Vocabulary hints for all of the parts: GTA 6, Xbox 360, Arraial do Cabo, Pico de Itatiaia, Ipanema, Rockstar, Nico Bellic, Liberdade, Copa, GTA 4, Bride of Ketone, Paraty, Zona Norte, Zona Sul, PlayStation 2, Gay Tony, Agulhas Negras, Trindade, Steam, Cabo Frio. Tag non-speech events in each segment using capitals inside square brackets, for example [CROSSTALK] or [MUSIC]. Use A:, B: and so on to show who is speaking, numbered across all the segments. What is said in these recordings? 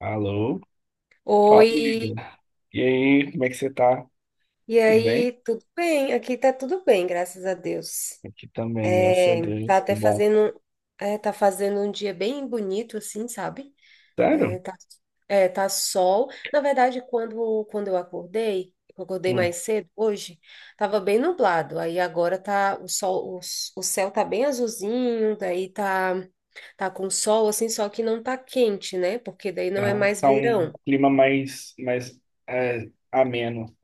A: Alô? Fala, amiga.
B: Oi,
A: E aí, como é que você tá?
B: e
A: Tudo bem?
B: aí, tudo bem? Aqui tá tudo bem, graças a Deus.
A: Aqui também, graças a
B: É, tá
A: Deus, que
B: até
A: bom.
B: fazendo, é, tá fazendo um dia bem bonito, assim, sabe?
A: Sério?
B: É, tá, é, tá sol. Na verdade, quando eu acordei
A: Hum.
B: mais cedo hoje, tava bem nublado. Aí agora tá o sol, o céu tá bem azulzinho, daí tá, tá com sol, assim, só que não tá quente, né? Porque daí não é mais
A: Tá um
B: verão.
A: clima mais, ameno,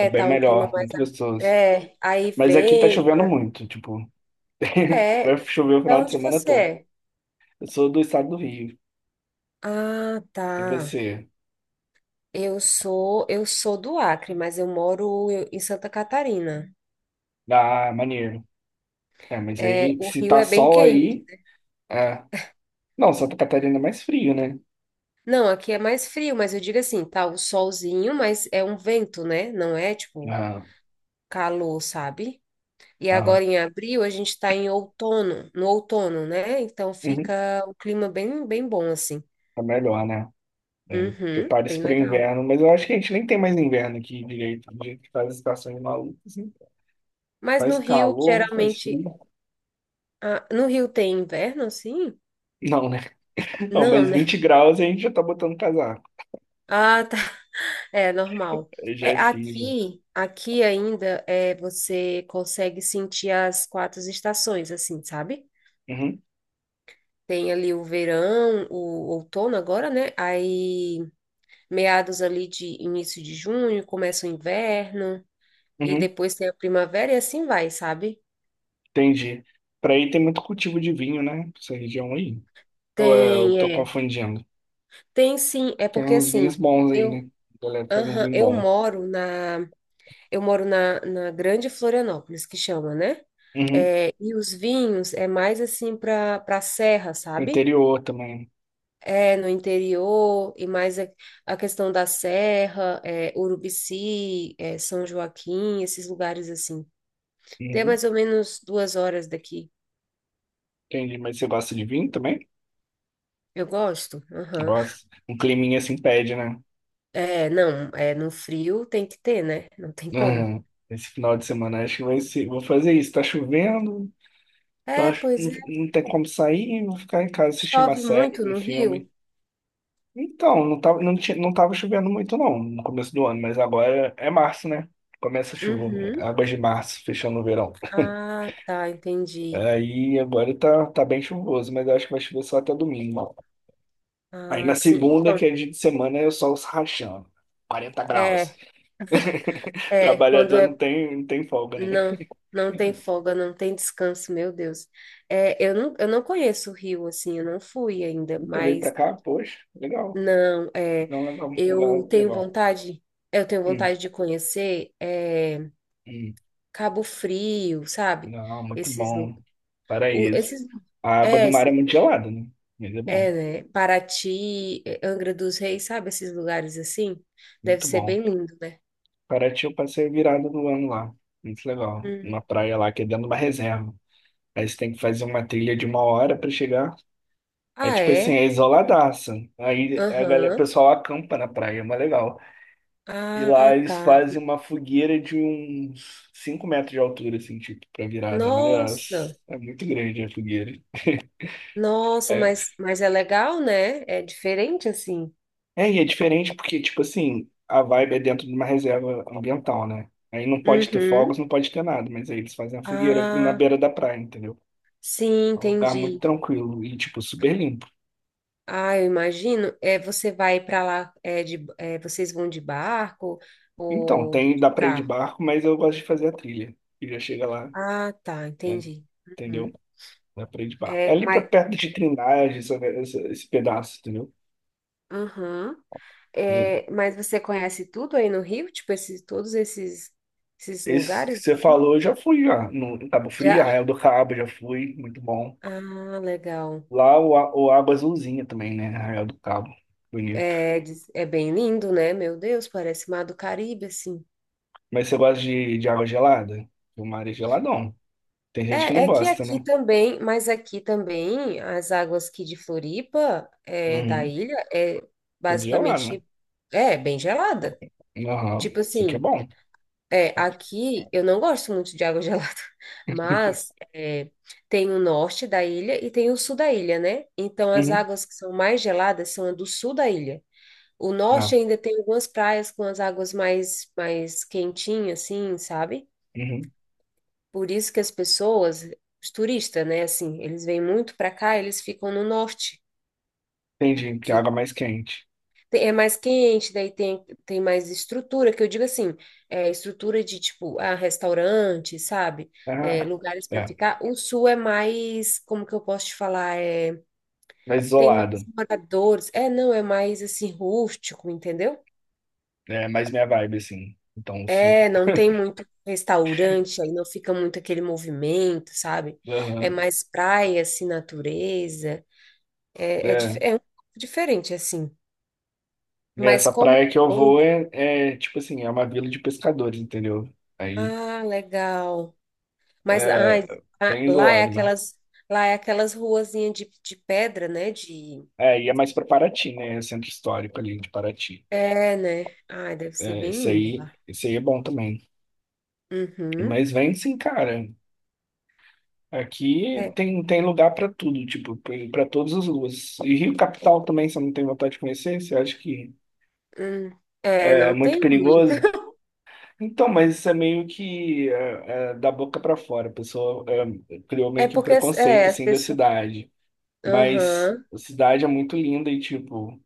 A: é bem
B: tá um clima
A: melhor,
B: mais.
A: muito gostoso.
B: É, aí
A: Mas aqui tá
B: vem.
A: chovendo muito, tipo, [LAUGHS]
B: É,
A: vai chover o
B: da
A: final de
B: onde
A: semana
B: você
A: todo.
B: é?
A: Eu sou do estado do Rio,
B: Ah,
A: e
B: tá.
A: você?
B: Eu sou do Acre, mas eu moro em Santa Catarina.
A: Ah, maneiro. É, mas
B: É,
A: aí,
B: o
A: se
B: Rio
A: tá
B: é bem
A: sol
B: quente.
A: aí, é. Não, Santa Catarina é mais frio, né?
B: Não, aqui é mais frio, mas eu digo assim, tá o solzinho, mas é um vento, né? Não é tipo
A: Ah,
B: calor, sabe? E
A: ah.
B: agora em abril a gente tá em outono, no outono, né? Então
A: Uhum.
B: fica o clima bem, bem bom assim.
A: Tá melhor, né? Né?
B: Uhum,
A: Prepare-se
B: bem
A: para o
B: legal.
A: inverno, mas eu acho que a gente nem tem mais inverno aqui direito, do jeito que faz as estações malucas, né?
B: Mas no
A: Faz
B: Rio
A: calor, faz
B: geralmente.
A: frio.
B: Ah, no Rio tem inverno, assim?
A: Não, né? [LAUGHS] Não,
B: Não,
A: mas
B: né?
A: 20
B: [LAUGHS]
A: graus a gente já tá botando casaco.
B: Ah, tá. É normal.
A: Aí já
B: É,
A: é frio, já.
B: aqui, aqui ainda é, você consegue sentir as quatro estações, assim, sabe?
A: Uhum,
B: Tem ali o verão, o outono agora, né? Aí, meados ali de início de junho, começa o inverno, e
A: uhum,
B: depois tem a primavera e assim vai, sabe?
A: entendi. Para aí tem muito cultivo de vinho, né? Essa região aí. Ou é, eu
B: Tem,
A: tô
B: é.
A: confundindo.
B: Tem sim, é
A: Tem
B: porque
A: uns vinhos
B: assim,
A: bons aí,
B: eu,
A: né? A galera faz um
B: aham,
A: vinho bom.
B: Eu moro na, Grande Florianópolis, que chama, né?
A: Uhum.
B: É, e os vinhos é mais assim para serra, sabe?
A: Interior também.
B: É, no interior, e mais a questão da serra, é, Urubici, é, São Joaquim, esses lugares assim. Tem
A: Uhum.
B: mais ou menos 2 horas daqui.
A: Entendi, mas você gosta de vinho também?
B: Eu gosto, aham.
A: Gosto. Um climinha assim pede, né?
B: É, não, é, no frio tem que ter, né? Não tem como.
A: Aham. Esse final de semana acho que vai ser. Vou fazer isso. Tá chovendo, tá,
B: É, pois
A: não,
B: é.
A: não tem como sair, vou ficar em casa assistindo uma
B: Chove
A: série,
B: muito
A: um
B: no Rio?
A: filme. Então, não tava, não tinha, não tava chovendo muito não no começo do ano, mas agora é março, né? Começa a chuva, né?
B: Uhum.
A: Águas de março, fechando o verão.
B: Ah, tá, entendi.
A: Aí agora tá, bem chuvoso, mas eu acho que vai chover só até domingo. Aí
B: Ah,
A: na
B: sim.
A: segunda,
B: Então,
A: que é dia de semana, é o sol se rachando. 40 graus.
B: é,
A: [LAUGHS]
B: é, quando
A: Trabalhador não
B: é,
A: tem, não tem folga, né?
B: não, não tem folga, não tem descanso, meu Deus. É, eu não conheço o Rio, assim, eu não fui ainda,
A: Nunca veio pra
B: mas
A: cá, poxa, legal.
B: não, é,
A: Não, legal,
B: eu
A: legal,
B: tenho
A: legal.
B: vontade, eu tenho
A: Hum,
B: vontade de conhecer, é,
A: hum.
B: Cabo Frio, sabe?
A: Não, muito
B: Esses,
A: bom.
B: o,
A: Paraíso.
B: esses,
A: A água do
B: é,
A: mar é muito gelada, né? Mas é bom,
B: é, né? Paraty, é, Angra dos Reis, sabe? Esses lugares assim, deve
A: muito
B: ser
A: bom.
B: bem lindo, né?
A: Paraty eu passei a virada do ano lá. Muito legal. Uma
B: Uhum.
A: praia lá que é dentro de uma reserva. Aí você tem que fazer uma trilha de uma hora pra chegar. Aí,
B: Ah,
A: tipo assim,
B: é?
A: é isoladaça. Aí a galera, o
B: Aham.
A: pessoal acampa na praia, é mais legal. E lá
B: Ah,
A: eles
B: tá.
A: fazem uma fogueira de uns 5 metros de altura, assim, tipo, pra virada. Mas
B: Nossa,
A: é muito grande a fogueira.
B: nossa,
A: É,
B: mas, mas é legal, né? É diferente assim.
A: É, e é diferente porque, tipo assim, a vibe é dentro de uma reserva ambiental, né? Aí não pode ter
B: Uhum.
A: fogos, não pode ter nada, mas aí eles fazem a fogueira na
B: Ah,
A: beira da praia, entendeu?
B: sim,
A: É um lugar muito
B: entendi.
A: tranquilo e, tipo, super limpo.
B: Ah, eu imagino. É, você vai para lá, é, de, é, vocês vão de barco
A: Então,
B: ou
A: tem, dá pra ir de
B: carro?
A: barco, mas eu gosto de fazer a trilha. E já chega lá,
B: Ah, tá,
A: né?
B: entendi.
A: Entendeu?
B: Uhum.
A: Dá pra ir de barco. É
B: É,
A: ali pra
B: mas,
A: perto de Trindade, esse pedaço, entendeu?
B: uhum. É, mas você conhece tudo aí no Rio? Tipo, esses, todos esses, esses
A: Esse que
B: lugares,
A: você
B: assim?
A: falou, eu já fui, já. No em Cabo Frio,
B: Já?
A: Arraial do Cabo, já fui, muito bom.
B: Ah, legal.
A: Lá o água é azulzinha também, né? Arraial do Cabo. Bonito.
B: É, é bem lindo, né? Meu Deus, parece Mar do Caribe, assim.
A: Mas você gosta de, água gelada? O mar é geladão. Tem gente que
B: É,
A: não
B: é que
A: gosta,
B: aqui
A: né?
B: também, mas aqui também, as águas aqui de Floripa, é, da
A: Uhum.
B: ilha, é
A: Tudo gelado, né?
B: basicamente, é, bem gelada.
A: Aham.
B: Tipo
A: Isso aqui é
B: assim,
A: bom.
B: é, aqui eu não gosto muito de água [LAUGHS] gelada,
A: [LAUGHS]
B: mas é, tem o norte da ilha e tem o sul da ilha, né? Então as
A: Uhum.
B: águas que são mais geladas são a do sul da ilha. O
A: Ah,
B: norte ainda tem algumas praias com as águas mais quentinhas, assim, sabe?
A: uhum.
B: Por isso que as pessoas, os turistas, né, assim, eles vêm muito para cá, eles ficam no norte,
A: Entendi, que a
B: porque
A: água é mais quente.
B: é mais quente, daí tem, tem mais estrutura, que eu digo assim, é estrutura de tipo, ah, restaurante, sabe? É,
A: Ah,
B: lugares para
A: é.
B: ficar. O sul é mais, como que eu posso te falar? É,
A: Mais
B: tem mais
A: isolado.
B: moradores. É, não, é mais assim, rústico, entendeu?
A: É mais minha vibe, assim. Então, o sul.
B: É, não tem muito restaurante, aí não fica muito aquele movimento, sabe? É
A: Aham.
B: mais praia, assim, natureza. É, é,
A: É.
B: é um pouco diferente, assim. Mas
A: Essa
B: como é
A: praia que eu
B: bom,
A: vou é, tipo assim, é uma vila de pescadores, entendeu? Aí,
B: ah, legal. Mas ai, ah,
A: bem isolado mesmo.
B: lá é aquelas ruazinhas de pedra, né? De,
A: É, e é mais para Paraty, né? É Centro histórico ali de Paraty.
B: é, né? Ai, deve ser
A: É,
B: bem lindo lá.
A: esse aí é bom também.
B: Uhum.
A: Mas vem sim, cara. Aqui
B: É,
A: tem, tem lugar para tudo, tipo, para todas as ruas. E Rio Capital também, você não tem vontade de conhecer? Você acha que
B: hum. É,
A: é
B: não
A: muito
B: tem muito.
A: perigoso?
B: [LAUGHS]
A: Então, mas isso é meio que é, da boca para fora. A pessoa criou
B: É
A: meio que um
B: porque é,
A: preconceito,
B: as
A: assim, da
B: pessoas.
A: cidade. Mas
B: Aham,
A: a cidade é muito linda e, tipo,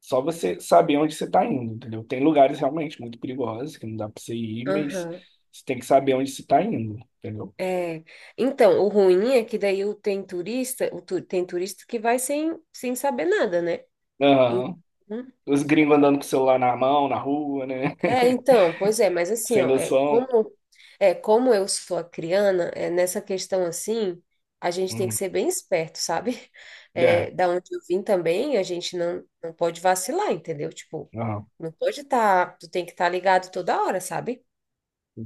A: só você saber onde você está indo, entendeu? Tem lugares realmente muito perigosos que não dá para você ir, mas
B: aham.
A: você tem que saber onde você está indo, entendeu?
B: É, então, o ruim é que daí tem turista que vai sem, sem saber nada, né?
A: Aham.
B: Então,
A: Os gringos andando com o celular na mão, na rua, né?
B: é,
A: [LAUGHS]
B: então, pois é, mas assim,
A: Sem
B: ó,
A: noção.
B: é, como eu sou acriana, é, nessa questão assim, a gente tem que
A: Uhum.
B: ser bem esperto, sabe? [LAUGHS] É,
A: É,
B: da onde eu vim também, a gente não, não pode vacilar, entendeu? Tipo,
A: aham.
B: não pode estar, tu tem que estar ligado toda hora, sabe?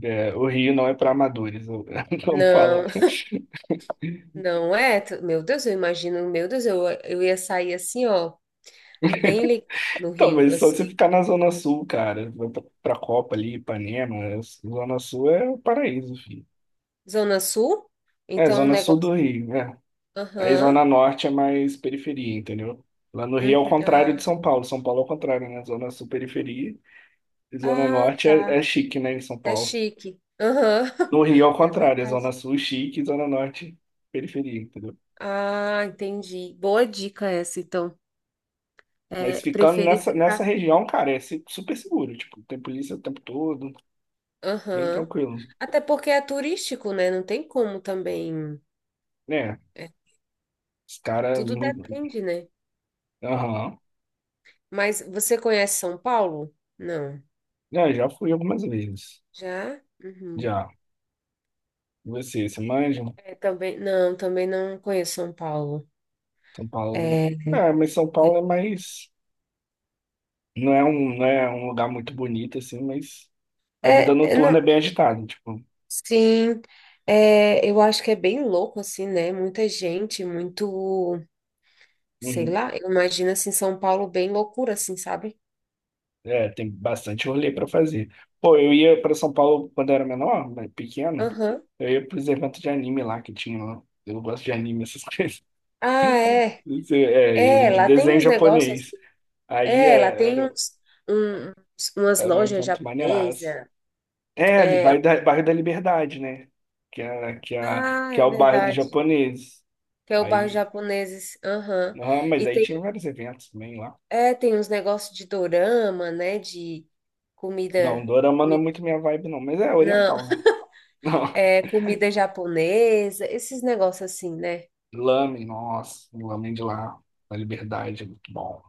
A: É, o Rio não é para amadores, [LAUGHS] como falam.
B: Não, [LAUGHS] não é, tu- meu Deus, eu imagino, meu Deus, eu ia sair assim, ó, bem ligado no
A: Então,
B: Rio,
A: mas só você
B: assim.
A: ficar na Zona Sul, cara, vai pra, Copa ali, Ipanema, é, Zona Sul é o paraíso, filho.
B: Zona Sul?
A: É,
B: Então o
A: Zona Sul do
B: negócio.
A: Rio, né? Aí Zona
B: Aham,
A: Norte é mais periferia, entendeu? Lá no Rio é o
B: uhum.
A: contrário de
B: Ah,
A: São Paulo. São Paulo é o contrário, né? Zona Sul, periferia. E Zona
B: ah,
A: Norte é,
B: tá.
A: chique, né? Em São
B: É
A: Paulo.
B: chique. Aham. [LAUGHS]
A: No Rio é o
B: É
A: contrário. É Zona
B: verdade.
A: Sul, chique. E Zona Norte, periferia, entendeu?
B: Ah, entendi. Boa dica essa, então.
A: Mas
B: É,
A: ficando
B: preferi
A: nessa,
B: ficar.
A: região, cara, é super seguro. Tipo, tem polícia o tempo todo. Bem
B: Aham.
A: tranquilo.
B: Até porque é turístico, né? Não tem como também.
A: Né?
B: É,
A: Os caras.
B: tudo depende, né?
A: Aham.
B: Mas você conhece São Paulo? Não.
A: É, já fui algumas vezes.
B: Já? Uhum.
A: Já. E você manja?
B: É, também não conheço São Paulo.
A: São Paulo.
B: É,
A: É, mas São Paulo é mais. Não é um lugar muito bonito, assim, mas a vida
B: é,
A: noturna é
B: é.
A: bem agitada, tipo,
B: Sim, é, eu acho que é bem louco, assim, né? Muita gente, muito, sei
A: uhum.
B: lá, eu imagino, assim, São Paulo bem loucura, assim, sabe?
A: É, tem bastante rolê para fazer. Pô, eu ia para São Paulo quando eu era menor, né, pequeno,
B: Aham.
A: eu ia pros eventos de anime lá que tinha lá. Eu gosto de anime, essas [LAUGHS] coisas.
B: Ah, é.
A: Isso. Era
B: É,
A: de
B: lá tem
A: desenho
B: uns negócios,
A: japonês.
B: assim,
A: Aí
B: é, lá tem umas
A: era um
B: lojas
A: evento maneiraço.
B: japonesas,
A: É, ali,
B: é,
A: bairro da Liberdade, né?
B: ah,
A: Que é
B: é
A: o bairro dos
B: verdade,
A: japoneses.
B: que é o bairro
A: Aí,
B: japoneses, aham.
A: ah, mas
B: E
A: aí
B: tem,
A: tinha vários eventos também lá.
B: é, tem uns negócios de dorama, né, de
A: Não,
B: comida,
A: dorama não é
B: comida,
A: muito minha vibe, não. Mas é
B: não.
A: oriental, né? Não. [LAUGHS]
B: É, comida japonesa, esses negócios assim, né?
A: Lamen, nossa. O Lamen de lá. Na Liberdade, é muito bom.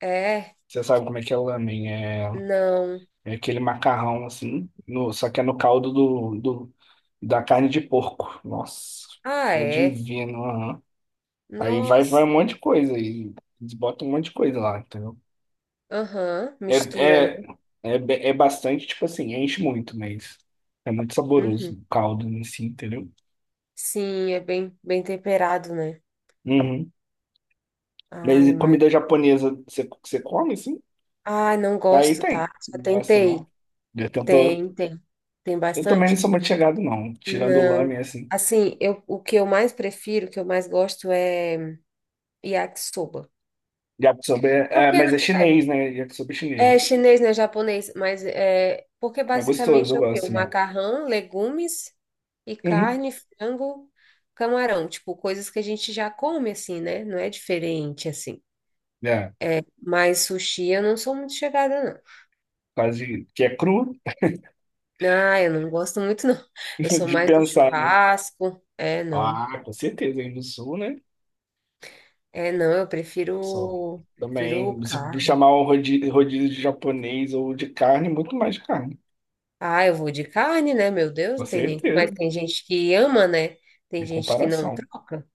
B: É,
A: Você sabe como é que é lamen?
B: não.
A: É aquele macarrão, assim. No, Só que é no caldo da carne de porco. Nossa.
B: Ah,
A: É
B: é.
A: divino, aham. Aí vai
B: Nossa.
A: um monte de coisa. Aí, eles botam um monte de coisa lá, entendeu?
B: Aham,
A: É,
B: mistura, né?
A: é bastante, tipo assim, enche muito, mas é muito saboroso
B: Uhum.
A: o caldo em si, entendeu?
B: Sim, é bem, bem temperado, né?
A: Uhum. Mas
B: Ai,
A: e
B: mas.
A: comida japonesa, você come, assim?
B: Ai, não
A: Aí
B: gosto, tá?
A: tem.
B: Já
A: Não gosto, não.
B: tentei.
A: Eu tento.
B: Tem, tem. Tem
A: Eu também não
B: bastante?
A: sou muito chegado, não. Tirando o lamen,
B: Não.
A: assim.
B: Assim, eu, o que eu mais prefiro, o que eu mais gosto é yakisoba.
A: Yakisoba é.
B: Porque,
A: Mas
B: não.
A: é chinês, né? Yakisoba é
B: É
A: chinesa.
B: chinês, né? Japonês, mas é porque
A: É gostoso, eu
B: basicamente é o quê? O
A: gosto, né?
B: macarrão, legumes e
A: Uhum.
B: carne, frango, camarão, tipo, coisas que a gente já come assim, né? Não é diferente assim.
A: É,
B: Mas sushi eu não sou muito chegada,
A: quase. Que é cru
B: não. Ah, eu não gosto muito, não.
A: [LAUGHS]
B: Eu sou
A: de
B: mais do
A: pensar, né?
B: churrasco. É, não.
A: Ah, com certeza. Aí no sul, né?
B: É, não, eu
A: Só.
B: prefiro, prefiro
A: Também, se
B: carne.
A: chamar um rodízio, rodízio de japonês ou de carne, muito mais de carne.
B: Ah, eu vou de carne, né? Meu Deus,
A: Com
B: não tem nem como. Mas
A: certeza.
B: tem gente que ama, né? Tem
A: Em
B: gente que não
A: comparação.
B: troca.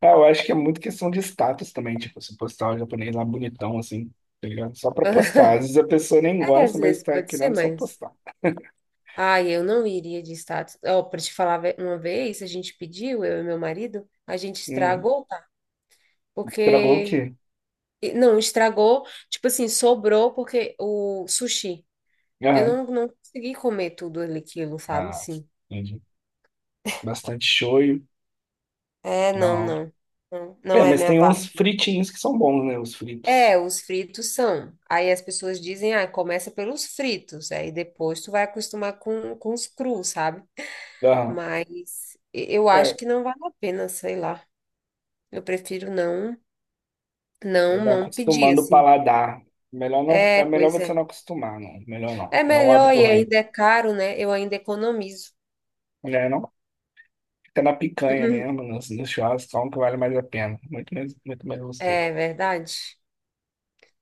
A: É, eu acho que é muito questão de status também, tipo, se postar o japonês lá bonitão, assim, tá ligado? Só pra postar. Às
B: [LAUGHS]
A: vezes a pessoa nem
B: É, às
A: gosta, mas
B: vezes
A: tá
B: pode ser,
A: querendo só
B: mas.
A: postar.
B: Ai, eu não iria de status. Ó, pra te falar ve- uma vez, a gente pediu, eu e meu marido, a gente
A: Uhum.
B: estragou, tá?
A: Travou o
B: Porque.
A: quê?
B: E- Não, estragou, tipo assim, sobrou porque o sushi. Eu
A: Aham.
B: não, não consegui comer tudo ali, aquilo, sabe?
A: Ah,
B: Sim.
A: entendi. Bastante shoyu.
B: É, não,
A: Não.
B: não. Não,
A: É,
B: não é
A: mas
B: minha
A: tem
B: vaga.
A: uns fritinhos que são bons, né? Os
B: É,
A: fritos.
B: os fritos são. Aí as pessoas dizem, ah, começa pelos fritos, aí depois tu vai acostumar com os crus, sabe?
A: Aham.
B: Mas eu acho
A: É,
B: que não vale a pena, sei lá. Eu prefiro não,
A: é,
B: não,
A: vai
B: não pedir
A: acostumando o
B: assim.
A: paladar. Melhor não, é
B: É,
A: melhor
B: pois
A: você
B: é.
A: não acostumar, não. Melhor não.
B: É
A: É um
B: melhor
A: hábito
B: e
A: ruim.
B: ainda é caro, né? Eu ainda economizo.
A: Né, não? Fica na picanha
B: Uhum.
A: mesmo, nos churrascos, só um que vale mais a pena. Muito mais gostoso.
B: É verdade.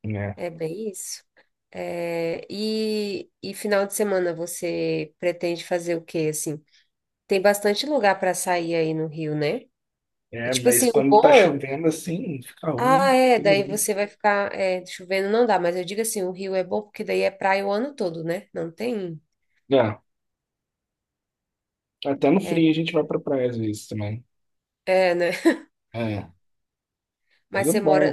A: É.
B: É bem isso. É, e final de semana você pretende fazer o quê, assim? Tem bastante lugar para sair aí no Rio, né? E
A: É,
B: tipo
A: mas
B: assim, o
A: quando tá
B: bom.
A: chovendo assim, fica
B: Ah,
A: ruim,
B: é,
A: todo
B: daí
A: mundo.
B: você vai ficar é, chovendo, não dá, mas eu digo assim, o Rio é bom porque daí é praia o ano todo, né? Não tem.
A: É, até no
B: É,
A: frio a gente vai pra praia às vezes também.
B: é, né? [LAUGHS]
A: É, mas
B: Mas
A: é
B: você
A: bom.
B: mora.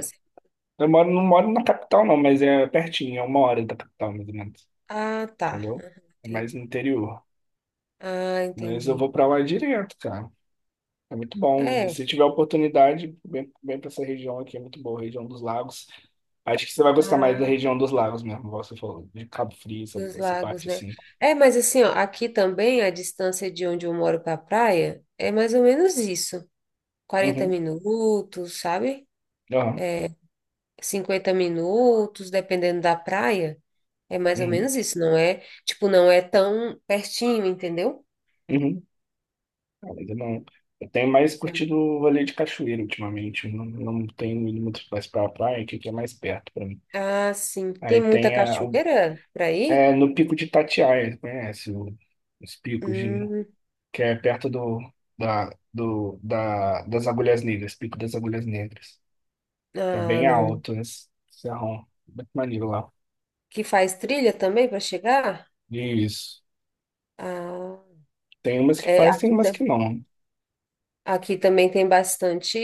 A: Eu moro, não moro na capital não, mas é pertinho, é uma hora da capital mais ou menos,
B: Ah, tá.
A: entendeu?
B: Aham,
A: É mais
B: entendi.
A: no interior.
B: Ah,
A: Mas eu
B: entendi.
A: vou pra lá direto, cara. É muito bom.
B: É,
A: Se tiver oportunidade, vem, vem pra essa região aqui, é muito boa, região dos lagos. Acho que você vai gostar mais da
B: ah,
A: região dos lagos mesmo, igual você falou, de Cabo Frio,
B: dos
A: essa
B: lagos,
A: parte
B: né?
A: assim.
B: É, mas assim, ó, aqui também a distância de onde eu moro para a praia é mais ou menos isso. Quarenta
A: Uhum,
B: minutos, sabe?
A: uhum,
B: 50 minutos, dependendo da praia. É mais ou
A: uhum,
B: menos isso, não é? Tipo, não é tão pertinho, entendeu?
A: uhum. Ainda não. Eu tenho mais
B: É.
A: curtido o rolê de cachoeira ultimamente. Eu não tenho ido muito mais pra praia, que aqui é mais perto pra mim.
B: Ah, sim. Tem
A: Aí
B: muita
A: tem
B: cachoeira para ir?
A: no Pico de Itatiaia, conhece os picos de,
B: Hum,
A: que é perto das Agulhas Negras, Pico das Agulhas Negras. É
B: ah,
A: bem
B: não, não.
A: alto esse serrão, muito maneiro lá.
B: Que faz trilha também para chegar?
A: Isso.
B: Ah.
A: Tem umas que
B: É,
A: faz, tem
B: aqui,
A: umas que não.
B: aqui também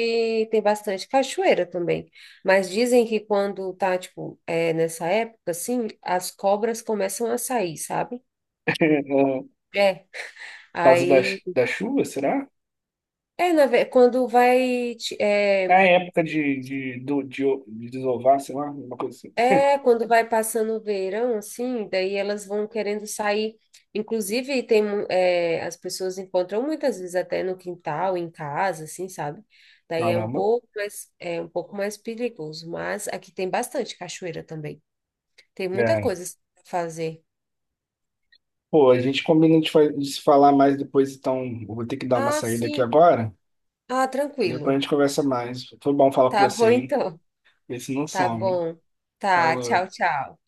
B: tem bastante cachoeira também. Mas dizem que quando tá, tipo, é, nessa época, assim, as cobras começam a sair, sabe?
A: [LAUGHS] É,
B: É.
A: por causa
B: Aí,
A: da chuva, será?
B: é, na, ve- quando vai, ti- é,
A: Ah, é época de desovar, sei lá, uma coisa assim.
B: é, quando vai passando o verão, assim, daí elas vão querendo sair. Inclusive, tem, mu- é, as pessoas encontram muitas vezes até no quintal, em casa, assim, sabe? Daí é um
A: Caramba.
B: pouco mais, é um pouco mais perigoso, mas aqui tem bastante cachoeira também. Tem muita
A: É.
B: coisa para fazer.
A: Pô, a gente combina de se falar mais depois, então eu vou ter que dar uma
B: Ah,
A: saída aqui
B: sim.
A: agora.
B: Ah,
A: Depois
B: tranquilo.
A: a gente conversa mais. Foi bom falar com
B: Tá
A: você,
B: bom,
A: hein?
B: então.
A: Esse não
B: Tá
A: some.
B: bom. Tá,
A: Falou.
B: tchau, tchau.